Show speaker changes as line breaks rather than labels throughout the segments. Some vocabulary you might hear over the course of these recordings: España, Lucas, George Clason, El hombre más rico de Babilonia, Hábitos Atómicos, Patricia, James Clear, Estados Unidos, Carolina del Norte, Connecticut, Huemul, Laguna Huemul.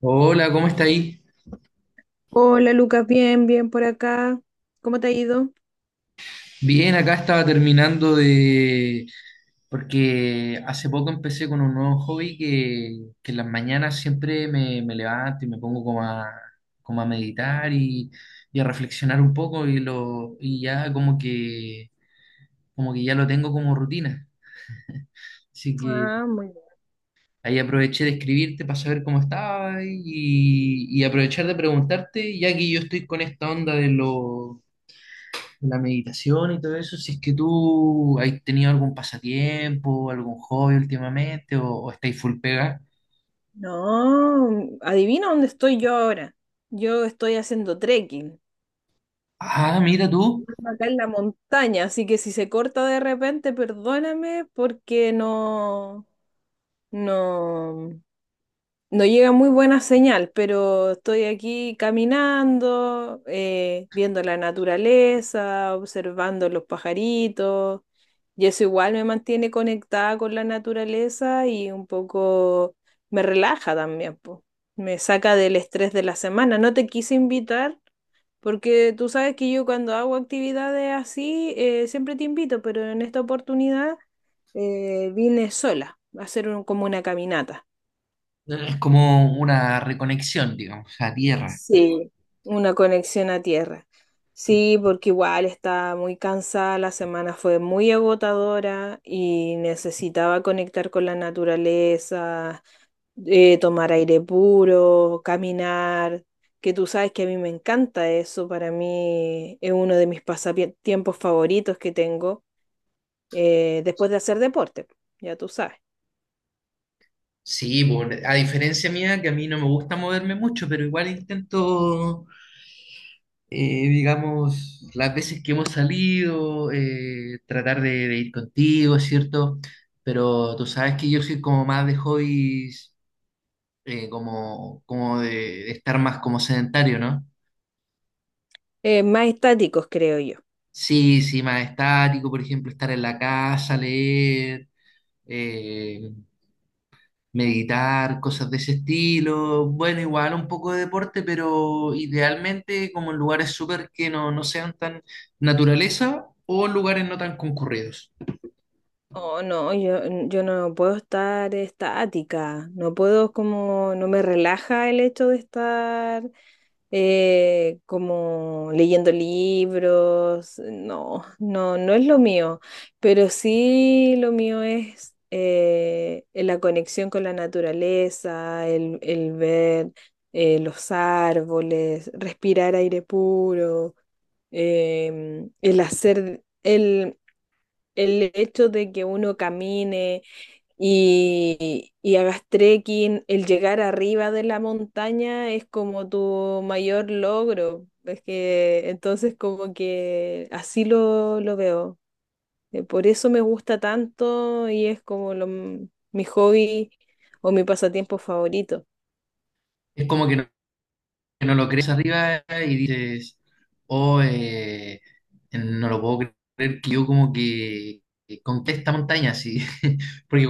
Hola, ¿cómo está ahí?
Hola Lucas, bien, bien por acá. ¿Cómo te ha ido?
Bien, acá estaba terminando de... Porque hace poco empecé con un nuevo hobby que en las mañanas siempre me levanto y me pongo como a meditar y a reflexionar un poco y ya como que ya lo tengo como rutina. Así que
Ah, muy bien.
ahí aproveché de escribirte para saber cómo estaba y aprovechar de preguntarte, ya que yo estoy con esta onda de los la meditación y todo eso, si es que tú has tenido algún pasatiempo, algún hobby últimamente o estáis full pega.
No, adivina dónde estoy yo ahora. Yo estoy haciendo trekking.
Ah, mira tú,
Ando acá en la montaña, así que si se corta de repente, perdóname porque no, no. No llega muy buena señal, pero estoy aquí caminando, viendo la naturaleza, observando los pajaritos, y eso igual me mantiene conectada con la naturaleza y un poco me relaja también, po. Me saca del estrés de la semana. No te quise invitar porque tú sabes que yo cuando hago actividades así, siempre te invito, pero en esta oportunidad, vine sola a hacer como una caminata.
es como una reconexión, digamos, a tierra.
Sí, una conexión a tierra. Sí, porque igual estaba muy cansada, la semana fue muy agotadora y necesitaba conectar con la naturaleza, tomar aire puro, caminar, que tú sabes que a mí me encanta eso, para mí es uno de mis pasatiempos favoritos que tengo después de hacer deporte, ya tú sabes.
Sí, pues, a diferencia mía, que a mí no me gusta moverme mucho, pero igual intento, digamos, las veces que hemos salido, tratar de ir contigo, ¿cierto? Pero tú sabes que yo soy como más de hobbies como, de estar más como sedentario, ¿no?
Más estáticos, creo yo.
Sí, sí, más estático, por ejemplo, estar en la casa, leer, eh, meditar, cosas de ese estilo. Bueno, igual un poco de deporte, pero idealmente como en lugares súper que no, no sean tan naturaleza o en lugares no tan concurridos.
Oh, no, yo no puedo estar estática, no puedo como, no me relaja el hecho de estar como leyendo libros, no, no, no es lo mío, pero sí lo mío es la conexión con la naturaleza, el ver los árboles, respirar aire puro, em, el hacer... El, el hecho de que uno camine y hagas trekking, el llegar arriba de la montaña es como tu mayor logro. Es que entonces como que así lo veo. Por eso me gusta tanto y es como mi hobby o mi pasatiempo favorito.
Es como que no y dice, en, ¿con qué esta montaña? Sí, porque,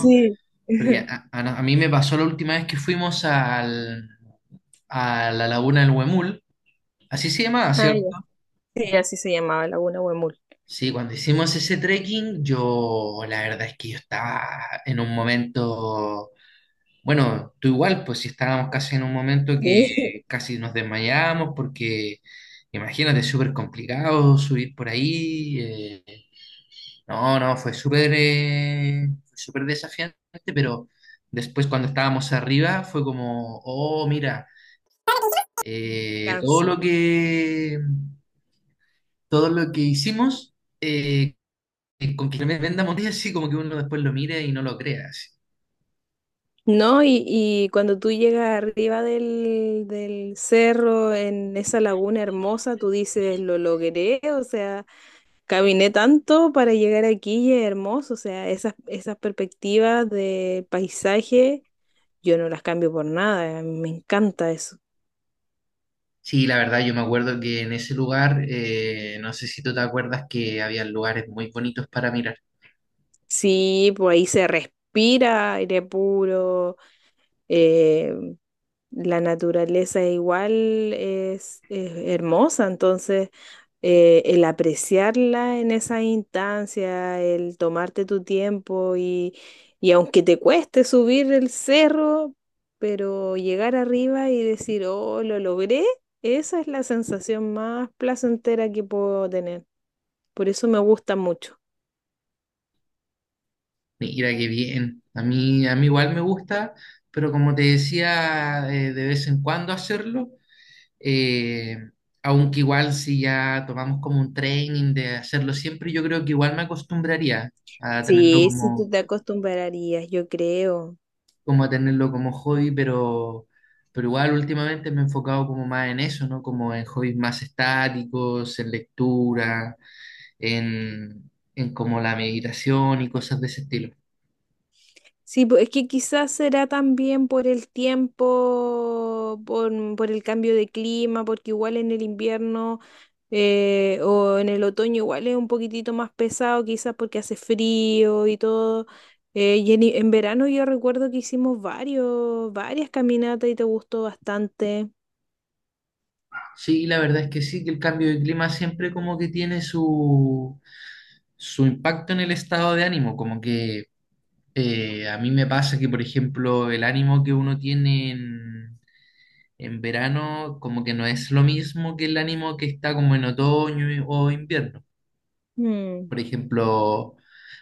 Sí.
porque a mí me pasó la última vez que fuimos al, a la laguna del Huemul. Así se llamaba,
Ah, ya.
¿cierto?
Sí, así se llamaba Laguna Huemul.
Sí, cuando hicimos ese trekking, yo la verdad es que yo estaba en un momento, bueno, tú igual, pues si estábamos casi en un momento que
Sí.
casi nos desmayábamos porque imagínate, es súper complicado subir por ahí. No, no, fue súper desafiante, pero después cuando estábamos arriba fue como, oh, mira, eh, todo
Descanso.
lo que, todo lo que hicimos eh, con que me venda monedas, sí, como que uno... hace.
No, y cuando tú llegas arriba de esa tú dices, lo logré, gané tanto para llegar aquí y es hermoso, o sea, esas perspectivas de paisaje, yo no las cambio por nada, a mí me encanta eso.
Sí, la verdad, yo me acuerdo que en ese lugar, no sé si tú te acuerdas que había lugares muy bonitos para mirar.
Sí, pues ahí se respira aire puro, eh, la naturaleza igual es hermosa, entonces el apreciarla en esa instancia, el tomarte tu tiempo y, aunque te cueste subir el cerro, pero llegar arriba y decir, oh, lo logré, esa es la sensación más placentera que puedo tener. Por eso me gusta mucho.
Mira qué bien. A mí igual me gusta, pero como te decía, de vez en cuando hacerlo, eh, aunque igual si ya tomamos como un training de hacerlo siempre, yo creo que igual me acostumbraría a tenerlo
Sí, sí, tú te acostumbrarías, yo creo.
como a tenerlo como hobby, pero igual últimamente me he enfocado como más en eso, ¿no? Como en hobbies más estáticos, en lectura, en como la meditación y cosas de ese estilo.
Sí, pues, es que quizás será también por el tiempo, por el cambio de clima, porque igual en el invierno o en el otoño igual es un poquitito más pesado, quizás porque hace frío y todo. Y en verano yo recuerdo que hicimos varias caminatas y te gustó bastante.
Sí, la verdad es que sí, que el cambio de clima siempre como que tiene su, su impacto en el estado de ánimo, como que a mí me pasa que, por ejemplo, el ánimo que uno tiene en verano como que no es lo mismo que el ánimo que está como en otoño o invierno.
Mm.
Por ejemplo,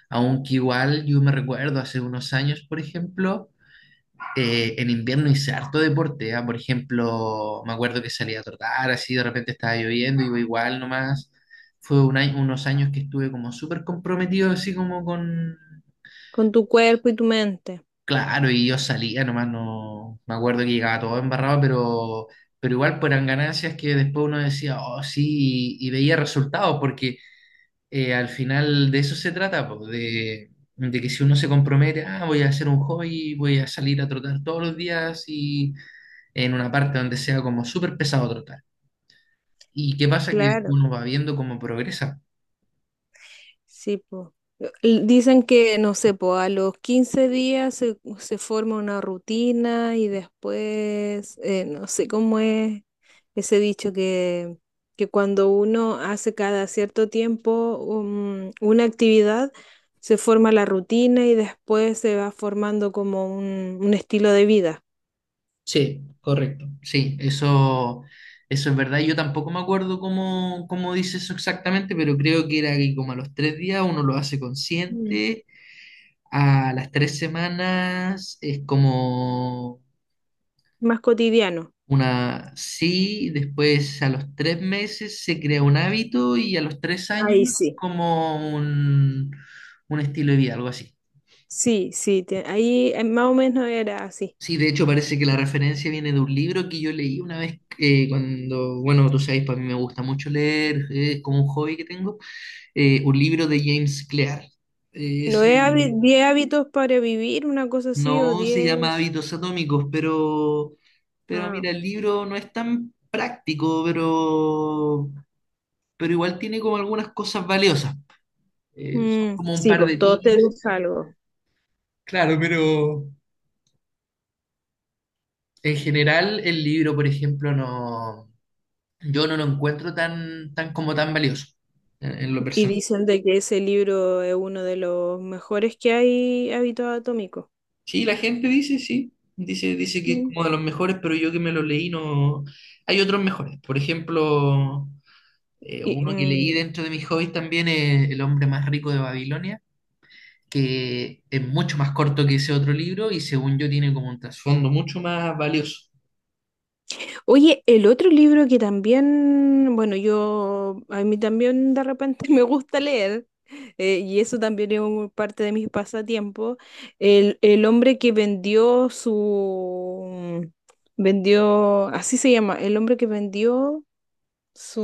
aunque igual yo me recuerdo hace unos años, por ejemplo, en invierno hice harto deporte, ¿ah? Por ejemplo, me acuerdo que salía a trotar, así de repente estaba lloviendo, iba igual nomás. Fue unos años que estuve como súper comprometido, así como con...
Con tu cuerpo y tu mente.
Claro, y yo salía nomás, no... Me acuerdo que llegaba todo embarrado, pero... Pero igual eran ganancias que después uno decía, oh sí, y veía resultados, porque al final de eso se trata, po, de que si uno se compromete, ah, voy a hacer un hobby, voy a salir a trotar todos los días y en una parte donde sea como súper pesado trotar. ¿Y qué pasa? Que
Claro.
uno va viendo cómo progresa.
Sí, po. Dicen que, no sé, po, a los 15 días se forma una rutina y después, no sé cómo es ese dicho que, cuando uno hace cada cierto tiempo una actividad, se forma la rutina y después se va formando como un estilo de vida.
Sí, correcto. Sí, eso es verdad. Yo tampoco me acuerdo cómo, cómo dice eso exactamente, pero creo que era que como a los tres días uno lo hace
Mm.
consciente, a las tres semanas es como
Más cotidiano.
una sí, después a los tres meses se crea un hábito y a los tres años
Ahí sí.
como un estilo de vida, algo así.
Sí, sí, ahí más o menos era así.
Sí, de hecho parece que la referencia viene de un libro que yo leí una vez cuando, bueno, tú sabes, para mí me gusta mucho leer, es como un hobby que tengo, un libro de James Clear.
No
Ese
es 10 hábitos para vivir, una cosa así, o
no se llama
10.
Hábitos Atómicos, pero
Ah,
mira, el libro no es tan práctico, pero igual tiene como algunas cosas valiosas. Son
mm,
como un
sí,
par
pues
de
todos
tips.
tenemos algo.
Claro, pero en general el libro, por ejemplo, no, yo no lo encuentro tan, tan como tan valioso en lo
Y
personal.
dicen de que ese libro es uno de los mejores que hay, hábitos atómicos.
Sí, la gente dice, sí, dice, dice que es
Mm.
como de los mejores, pero yo que me lo leí no... Hay otros mejores. Por ejemplo,
Y,
uno que leí
mm.
dentro de mis hobbies también es El hombre más rico de Babilonia, que es mucho más corto que ese otro libro y según yo tiene como un trasfondo mucho más valioso.
Oye, el otro libro que también, bueno, yo, a mí también de repente me gusta leer, y eso también es parte de mis pasatiempos, el hombre que vendió su, vendió, así se llama, el hombre que vendió su,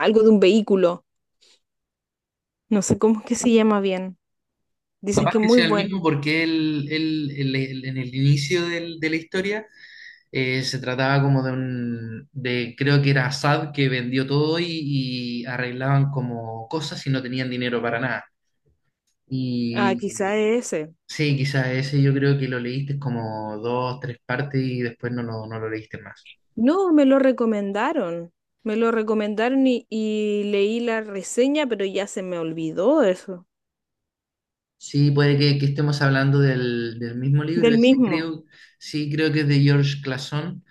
algo de un vehículo, no sé cómo es que se llama bien, dicen
Capaz
que es
que
muy
sea el
bueno,
mismo porque en el inicio de la historia se trataba como de un, de creo que era Assad que vendió todo y arreglaban como cosas y no tenían dinero para nada.
ah,
Y
quizá es ese.
sí, quizás ese yo creo que lo leíste como dos, tres partes y después no, no, no lo leíste más.
No, me lo recomendaron. Me lo recomendaron y leí la reseña, pero ya se me olvidó eso.
Sí, puede que estemos hablando del mismo libro,
Del
ese
mismo.
creo, sí, creo que es de George Clason.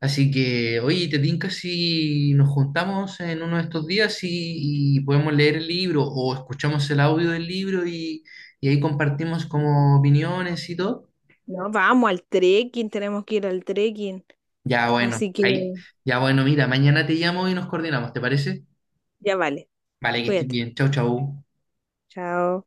Así que, oye, ¿te tinca si nos juntamos en uno de estos días y podemos leer el libro o escuchamos el audio del libro y ahí compartimos como opiniones y todo?
No, vamos al trekking, tenemos que ir al trekking.
Ya, bueno,
Así que
ahí, ya, bueno, mira, mañana te llamo y nos coordinamos, ¿te parece?
ya vale.
Vale, que estés
Cuídate.
bien, chau, chau.
Chao.